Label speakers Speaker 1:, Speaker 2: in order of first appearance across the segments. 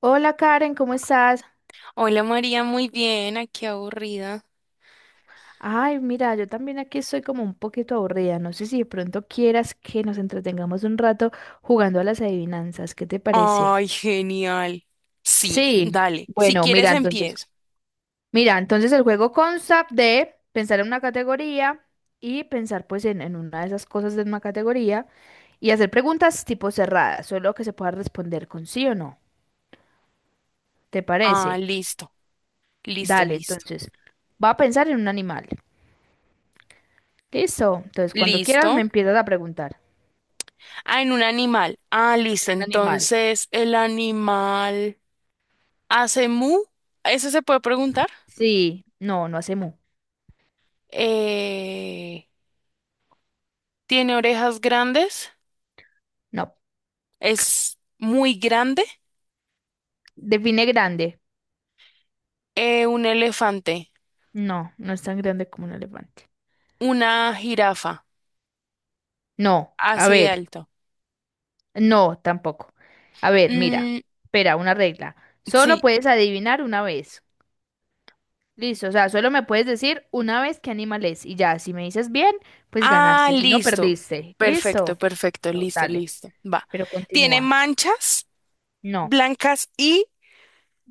Speaker 1: Hola Karen, ¿cómo estás?
Speaker 2: Hola María, muy bien, aquí aburrida.
Speaker 1: Ay, mira, yo también aquí estoy como un poquito aburrida. No sé si de pronto quieras que nos entretengamos un rato jugando a las adivinanzas. ¿Qué te parece?
Speaker 2: Ay, genial. Sí,
Speaker 1: Sí.
Speaker 2: dale. Si
Speaker 1: Bueno,
Speaker 2: quieres empiezo.
Speaker 1: mira, entonces el juego consta de pensar en una categoría y pensar pues en una de esas cosas de una categoría y hacer preguntas tipo cerradas, solo que se pueda responder con sí o no. ¿Te
Speaker 2: Ah,
Speaker 1: parece?
Speaker 2: listo, listo,
Speaker 1: Dale,
Speaker 2: listo.
Speaker 1: entonces, va a pensar en un animal. Listo. Entonces, cuando quieras me
Speaker 2: Listo.
Speaker 1: empiezas a preguntar.
Speaker 2: Ah, en un animal. Ah,
Speaker 1: En
Speaker 2: listo.
Speaker 1: un animal.
Speaker 2: Entonces, ¿el animal hace mu? ¿Eso se puede preguntar?
Speaker 1: Sí, no, no hace mu.
Speaker 2: Eh, ¿Tiene orejas grandes?
Speaker 1: No.
Speaker 2: ¿Es muy grande?
Speaker 1: Define grande.
Speaker 2: Un elefante,
Speaker 1: No, no es tan grande como un elefante.
Speaker 2: una jirafa,
Speaker 1: No, a
Speaker 2: así de
Speaker 1: ver,
Speaker 2: alto.
Speaker 1: no, tampoco. A ver, mira,
Speaker 2: Mm,
Speaker 1: espera, una regla. Solo
Speaker 2: sí.
Speaker 1: puedes adivinar una vez. Listo, o sea, solo me puedes decir una vez qué animal es. Y ya, si me dices bien, pues
Speaker 2: Ah,
Speaker 1: ganaste, si no,
Speaker 2: listo.
Speaker 1: perdiste.
Speaker 2: Perfecto,
Speaker 1: Listo.
Speaker 2: perfecto,
Speaker 1: Pero
Speaker 2: listo,
Speaker 1: dale,
Speaker 2: listo. Va.
Speaker 1: pero
Speaker 2: ¿Tiene
Speaker 1: continúa.
Speaker 2: manchas
Speaker 1: No,
Speaker 2: blancas y...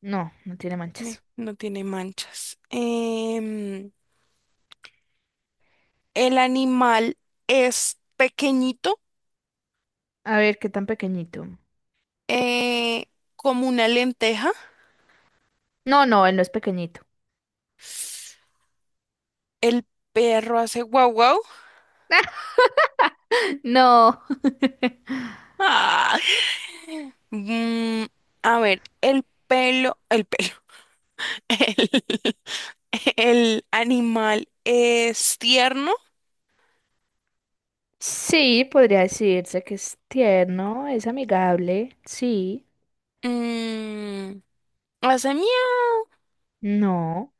Speaker 1: no, no tiene manchas.
Speaker 2: No tiene manchas. El animal es pequeñito,
Speaker 1: A ver, qué tan pequeñito.
Speaker 2: eh, como una lenteja.
Speaker 1: No, no, él no es pequeñito.
Speaker 2: El perro hace guau guau.
Speaker 1: No.
Speaker 2: Ah. Mm, a ver, el, el animal es tierno.
Speaker 1: Sí, podría decirse que es tierno, es amigable, sí,
Speaker 2: Mm, hace miau.
Speaker 1: no,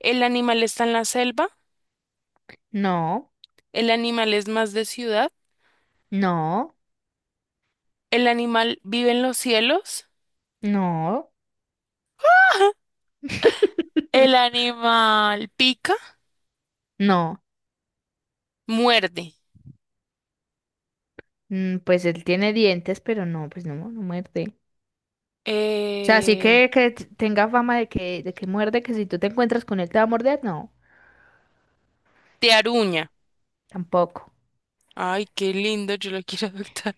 Speaker 2: El animal está en la selva,
Speaker 1: no,
Speaker 2: el animal es más de ciudad,
Speaker 1: no,
Speaker 2: el animal vive en los cielos,
Speaker 1: no,
Speaker 2: el animal pica,
Speaker 1: no.
Speaker 2: muerde,
Speaker 1: Pues él tiene dientes, pero no, pues no, no muerde. O sea, sí
Speaker 2: eh,
Speaker 1: que, tenga fama de que muerde, que si tú te encuentras con él te va a morder, no,
Speaker 2: te aruña.
Speaker 1: tampoco.
Speaker 2: Ay, qué lindo, yo lo quiero adoptar.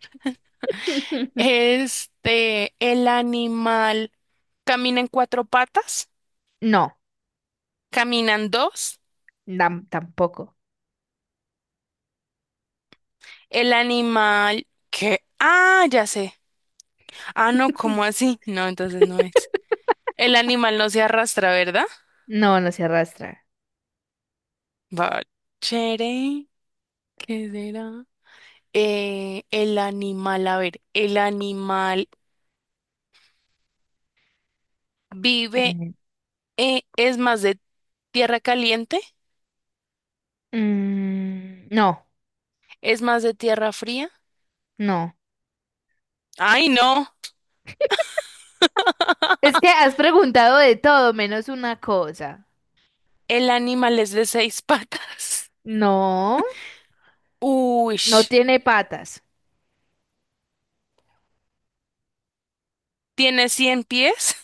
Speaker 2: Este, el animal camina en cuatro patas,
Speaker 1: No,
Speaker 2: caminan dos,
Speaker 1: tampoco.
Speaker 2: el animal que, ah, ya sé. Ah, no, ¿cómo así? No, entonces no es. El animal no se arrastra, ¿verdad?
Speaker 1: No, no se arrastra.
Speaker 2: Va, chere, ¿qué será? El animal, a ver, el animal
Speaker 1: A
Speaker 2: vive,
Speaker 1: ver.
Speaker 2: es más de tierra caliente,
Speaker 1: No,
Speaker 2: es más de tierra fría.
Speaker 1: no.
Speaker 2: Ay, no,
Speaker 1: Es que has preguntado de todo menos una cosa.
Speaker 2: el animal es de seis patas.
Speaker 1: No,
Speaker 2: Uy,
Speaker 1: no tiene patas.
Speaker 2: tiene cien pies.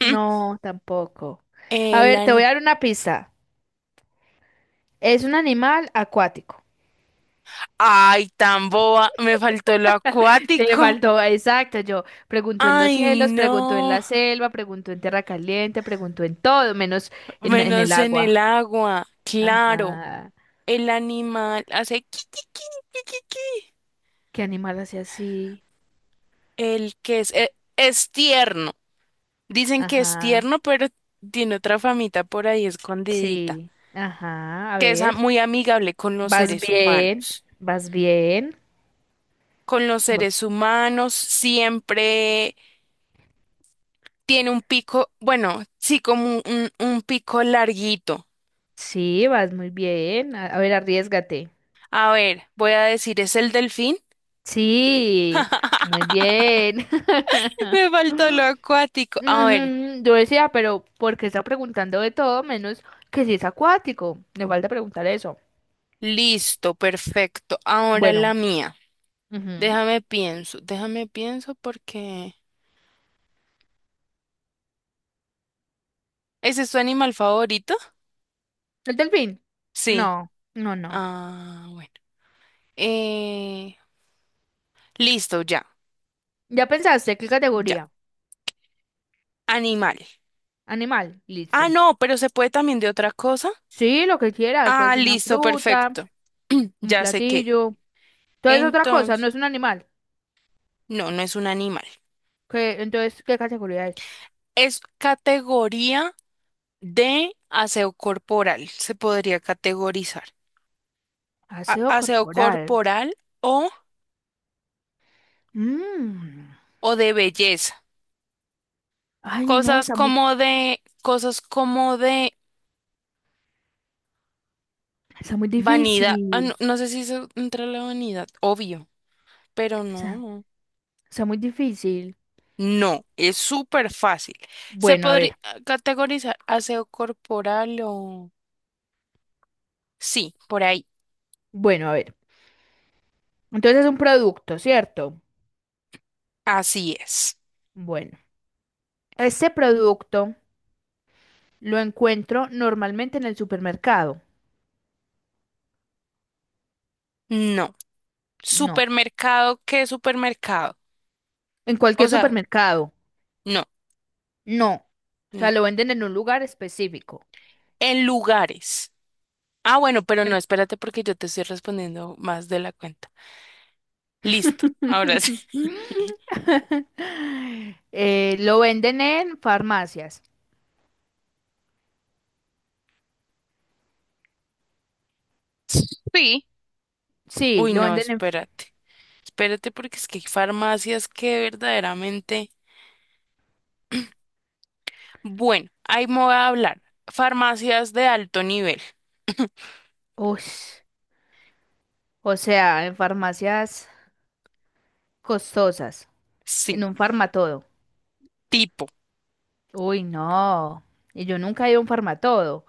Speaker 1: No, tampoco. A
Speaker 2: El
Speaker 1: ver, te voy
Speaker 2: an-
Speaker 1: a dar una pista. Es un animal acuático.
Speaker 2: Ay, tan boba, me faltó lo
Speaker 1: Le
Speaker 2: acuático.
Speaker 1: faltó, exacto, yo pregunto en los
Speaker 2: Ay,
Speaker 1: cielos, pregunto en
Speaker 2: no,
Speaker 1: la selva, pregunto en tierra caliente, pregunto en todo, menos en el
Speaker 2: menos en el
Speaker 1: agua.
Speaker 2: agua, claro.
Speaker 1: Ajá.
Speaker 2: El animal hace qui, qui, qui, qui, qui, qui.
Speaker 1: ¿Qué animal hace así?
Speaker 2: El que es, es tierno. Dicen que es
Speaker 1: Ajá.
Speaker 2: tierno, pero tiene otra famita por ahí escondidita,
Speaker 1: Sí. Ajá. A
Speaker 2: que es
Speaker 1: ver.
Speaker 2: muy amigable con los
Speaker 1: Vas
Speaker 2: seres
Speaker 1: bien.
Speaker 2: humanos.
Speaker 1: Vas bien.
Speaker 2: Con los seres humanos siempre tiene un pico, bueno, sí, como un pico larguito.
Speaker 1: Sí, vas muy bien. A ver, arriesgate.
Speaker 2: A ver, voy a decir, ¿es el delfín?
Speaker 1: Sí, muy bien.
Speaker 2: Me faltó lo acuático. A ver,
Speaker 1: Ujú. Yo decía, pero ¿por qué está preguntando de todo menos que si es acuático? Le falta preguntar eso.
Speaker 2: listo, perfecto. Ahora la
Speaker 1: Bueno,
Speaker 2: mía.
Speaker 1: ujú.
Speaker 2: Déjame pienso porque... ¿Ese es tu animal favorito?
Speaker 1: ¿El delfín?
Speaker 2: Sí.
Speaker 1: No, no, no.
Speaker 2: Ah, bueno. Eh, Listo, ya,
Speaker 1: ¿Ya pensaste qué
Speaker 2: ya.
Speaker 1: categoría?
Speaker 2: Animal.
Speaker 1: Animal,
Speaker 2: Ah,
Speaker 1: listo.
Speaker 2: no, pero se puede también de otra cosa.
Speaker 1: Sí, lo que quieras, puede
Speaker 2: Ah,
Speaker 1: ser una
Speaker 2: listo,
Speaker 1: fruta,
Speaker 2: perfecto.
Speaker 1: un
Speaker 2: Ya sé qué.
Speaker 1: platillo. Entonces otra cosa, no
Speaker 2: Entonces,
Speaker 1: es un animal.
Speaker 2: no, no es un animal.
Speaker 1: ¿Qué, entonces, ¿qué categoría es?
Speaker 2: Es categoría de aseo corporal. Se podría categorizar.
Speaker 1: Aseo
Speaker 2: Aseo
Speaker 1: corporal.
Speaker 2: corporal o,
Speaker 1: Mm.
Speaker 2: o de belleza.
Speaker 1: Ay, no,
Speaker 2: Cosas como de
Speaker 1: está muy
Speaker 2: vanidad. Ah, no,
Speaker 1: difícil.
Speaker 2: no sé si se entra en la vanidad, obvio, pero no,
Speaker 1: Está,
Speaker 2: no.
Speaker 1: está muy difícil.
Speaker 2: No, es súper fácil. ¿Se
Speaker 1: Bueno, a
Speaker 2: podría
Speaker 1: ver,
Speaker 2: categorizar aseo corporal o...? Sí, por ahí.
Speaker 1: bueno, a ver. Entonces es un producto, ¿cierto?
Speaker 2: Así es.
Speaker 1: Bueno, este producto lo encuentro normalmente en el supermercado.
Speaker 2: No.
Speaker 1: No.
Speaker 2: ¿Supermercado qué supermercado?
Speaker 1: En
Speaker 2: O
Speaker 1: cualquier
Speaker 2: sea,
Speaker 1: supermercado.
Speaker 2: no,
Speaker 1: No. O sea,
Speaker 2: no.
Speaker 1: lo venden en un lugar específico.
Speaker 2: En lugares. Ah, bueno, pero no, espérate porque yo te estoy respondiendo más de la cuenta. Listo, ahora sí.
Speaker 1: Lo venden en farmacias.
Speaker 2: Sí.
Speaker 1: Sí,
Speaker 2: Uy,
Speaker 1: lo
Speaker 2: no,
Speaker 1: venden en...
Speaker 2: espérate. Espérate porque es que hay farmacias que verdaderamente... Bueno, ahí me voy a hablar. Farmacias de alto nivel.
Speaker 1: Ush. O sea, en farmacias costosas,
Speaker 2: Sí,
Speaker 1: en un farmatodo.
Speaker 2: tipo,
Speaker 1: Uy, no. Y yo nunca he ido a un farmatodo.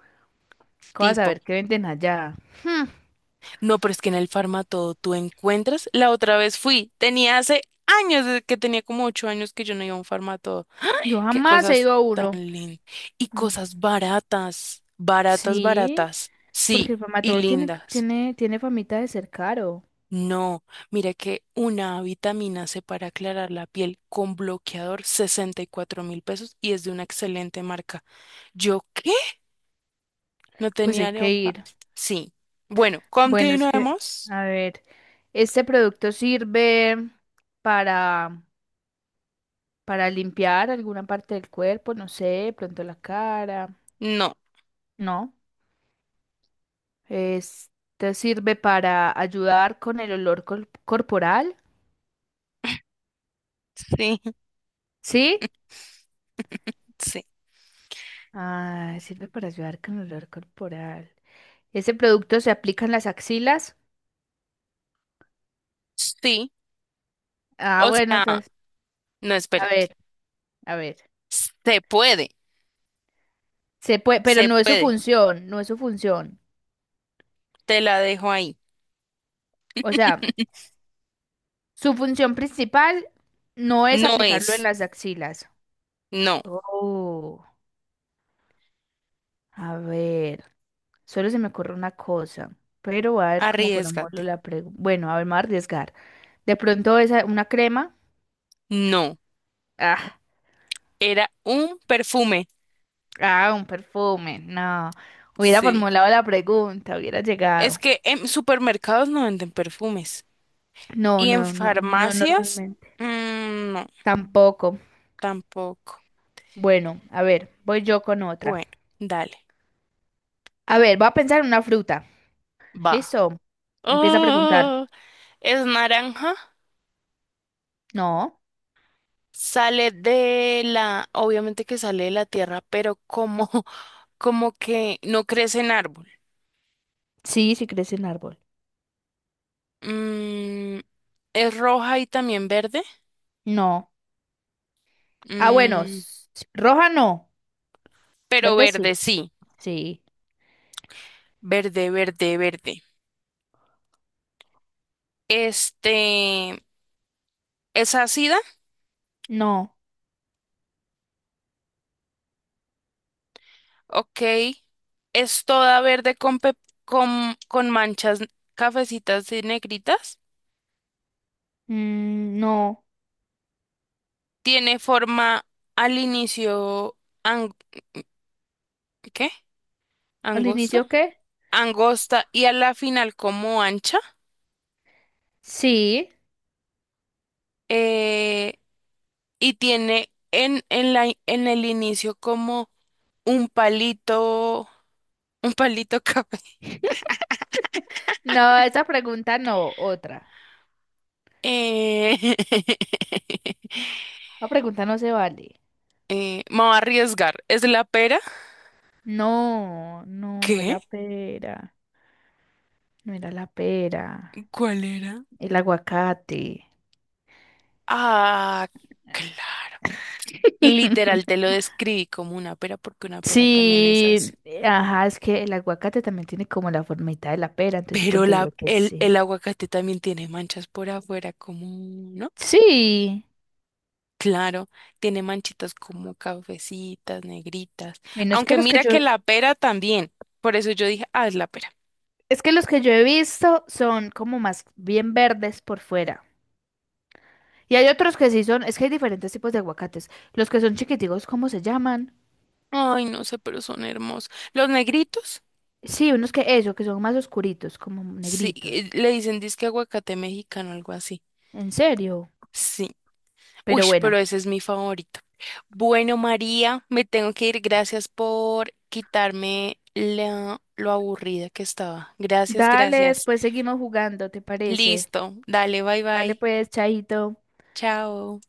Speaker 1: ¿Cómo vas a
Speaker 2: tipo.
Speaker 1: ver qué venden allá?
Speaker 2: No, pero es que en el Farmatodo tú encuentras. La otra vez fui, tenía hace años, desde que tenía como 8 años que yo no iba a un Farmatodo.
Speaker 1: Yo
Speaker 2: Qué
Speaker 1: jamás he
Speaker 2: cosas
Speaker 1: ido a
Speaker 2: tan
Speaker 1: uno.
Speaker 2: lindas. Y
Speaker 1: Mm.
Speaker 2: cosas baratas, baratas,
Speaker 1: Sí,
Speaker 2: baratas.
Speaker 1: porque
Speaker 2: Sí,
Speaker 1: el
Speaker 2: y
Speaker 1: farmatodo tiene,
Speaker 2: lindas.
Speaker 1: tiene, tiene famita de ser caro.
Speaker 2: No, mira que una vitamina C para aclarar la piel con bloqueador, $64.000 y es de una excelente marca. ¿Yo qué? No
Speaker 1: Pues hay
Speaker 2: tenía
Speaker 1: que ir.
Speaker 2: neopasta. Sí. Bueno,
Speaker 1: Bueno, es que,
Speaker 2: continuemos.
Speaker 1: a ver, este producto sirve para, para limpiar alguna parte del cuerpo, no sé, de pronto la cara.
Speaker 2: No.
Speaker 1: No. Es- te sirve para ayudar con corporal,
Speaker 2: Sí,
Speaker 1: ¿sí?
Speaker 2: sí,
Speaker 1: Ah, sirve para ayudar con el olor corporal. ¿Ese producto se aplica en las axilas?
Speaker 2: sí.
Speaker 1: Ah,
Speaker 2: O
Speaker 1: bueno,
Speaker 2: sea,
Speaker 1: entonces,
Speaker 2: no,
Speaker 1: a
Speaker 2: espérate.
Speaker 1: ver, a ver.
Speaker 2: Se puede,
Speaker 1: Se puede, pero
Speaker 2: se
Speaker 1: no es su
Speaker 2: puede.
Speaker 1: función, no es su función.
Speaker 2: Te la dejo ahí.
Speaker 1: O sea, su función principal no es
Speaker 2: No
Speaker 1: aplicarlo en
Speaker 2: es,
Speaker 1: las axilas.
Speaker 2: no.
Speaker 1: Oh, a ver, solo se me ocurre una cosa, pero voy a ver cómo formuló
Speaker 2: Arriesgate.
Speaker 1: la pregunta. Bueno, a ver, me voy a arriesgar. De pronto esa, una crema.
Speaker 2: No.
Speaker 1: Ah,
Speaker 2: Era un perfume.
Speaker 1: ah, un perfume. No. Hubiera
Speaker 2: Sí.
Speaker 1: formulado la pregunta, hubiera
Speaker 2: Es
Speaker 1: llegado.
Speaker 2: que en supermercados no venden perfumes.
Speaker 1: No,
Speaker 2: Y en
Speaker 1: no, no, no
Speaker 2: farmacias,
Speaker 1: normalmente.
Speaker 2: mm, no,
Speaker 1: Tampoco.
Speaker 2: tampoco.
Speaker 1: Bueno, a ver, voy yo con otra.
Speaker 2: Bueno, dale.
Speaker 1: A ver, voy a pensar en una fruta.
Speaker 2: Va.
Speaker 1: ¿Listo? Empieza a preguntar.
Speaker 2: Oh, es naranja.
Speaker 1: No.
Speaker 2: Obviamente que sale de la tierra, pero como como que no crece en árbol.
Speaker 1: Sí, sí crece en árbol.
Speaker 2: Mm, es roja y también verde.
Speaker 1: No. Ah, bueno.
Speaker 2: Mm,
Speaker 1: Roja no.
Speaker 2: pero
Speaker 1: Verde sí.
Speaker 2: verde, sí.
Speaker 1: Sí.
Speaker 2: Verde, verde, verde. Este, es ácida,
Speaker 1: No.
Speaker 2: ok. Es toda verde con manchas cafecitas y negritas.
Speaker 1: Mm, no.
Speaker 2: Tiene forma al inicio, ang- ¿qué?
Speaker 1: ¿Al
Speaker 2: ¿Angosta?
Speaker 1: inicio qué?
Speaker 2: Angosta y a la final como ancha.
Speaker 1: Sí.
Speaker 2: Eh, y tiene en el inicio como un palito, un palito café.
Speaker 1: No, esa pregunta no, otra.
Speaker 2: Eh,
Speaker 1: La pregunta no se vale.
Speaker 2: me voy a arriesgar. ¿Es la pera?
Speaker 1: No, no, no es
Speaker 2: ¿Qué?
Speaker 1: la pera. No era la pera.
Speaker 2: ¿Cuál era?
Speaker 1: El aguacate.
Speaker 2: Ah, claro. Y literal te lo describí como una pera porque una pera también es
Speaker 1: Sí,
Speaker 2: así.
Speaker 1: ajá, es que el aguacate también tiene como la formita de la pera, entonces yo pues
Speaker 2: Pero
Speaker 1: digo que sí.
Speaker 2: el aguacate también tiene manchas por afuera, como, ¿no?
Speaker 1: Sí,
Speaker 2: Claro, tiene manchitas como cafecitas, negritas.
Speaker 1: bueno,
Speaker 2: Aunque mira que la pera también. Por eso yo dije, ah, es la pera.
Speaker 1: es que los que yo he visto son como más bien verdes por fuera. Y hay otros que sí son, es que hay diferentes tipos de aguacates. Los que son chiquiticos, ¿cómo se llaman?
Speaker 2: Ay, no sé, pero son hermosos. Los negritos,
Speaker 1: Sí, unos que eso, que son más oscuritos, como
Speaker 2: sí,
Speaker 1: negritos.
Speaker 2: le dicen disque aguacate mexicano, algo así.
Speaker 1: ¿En serio?
Speaker 2: Sí. Uy,
Speaker 1: Pero bueno,
Speaker 2: pero ese es mi favorito. Bueno, María, me tengo que ir. Gracias por quitarme lo aburrida que estaba. Gracias,
Speaker 1: dale,
Speaker 2: gracias.
Speaker 1: después seguimos jugando, ¿te parece?
Speaker 2: Listo. Dale, bye
Speaker 1: Dale
Speaker 2: bye.
Speaker 1: pues, chaito.
Speaker 2: Chao.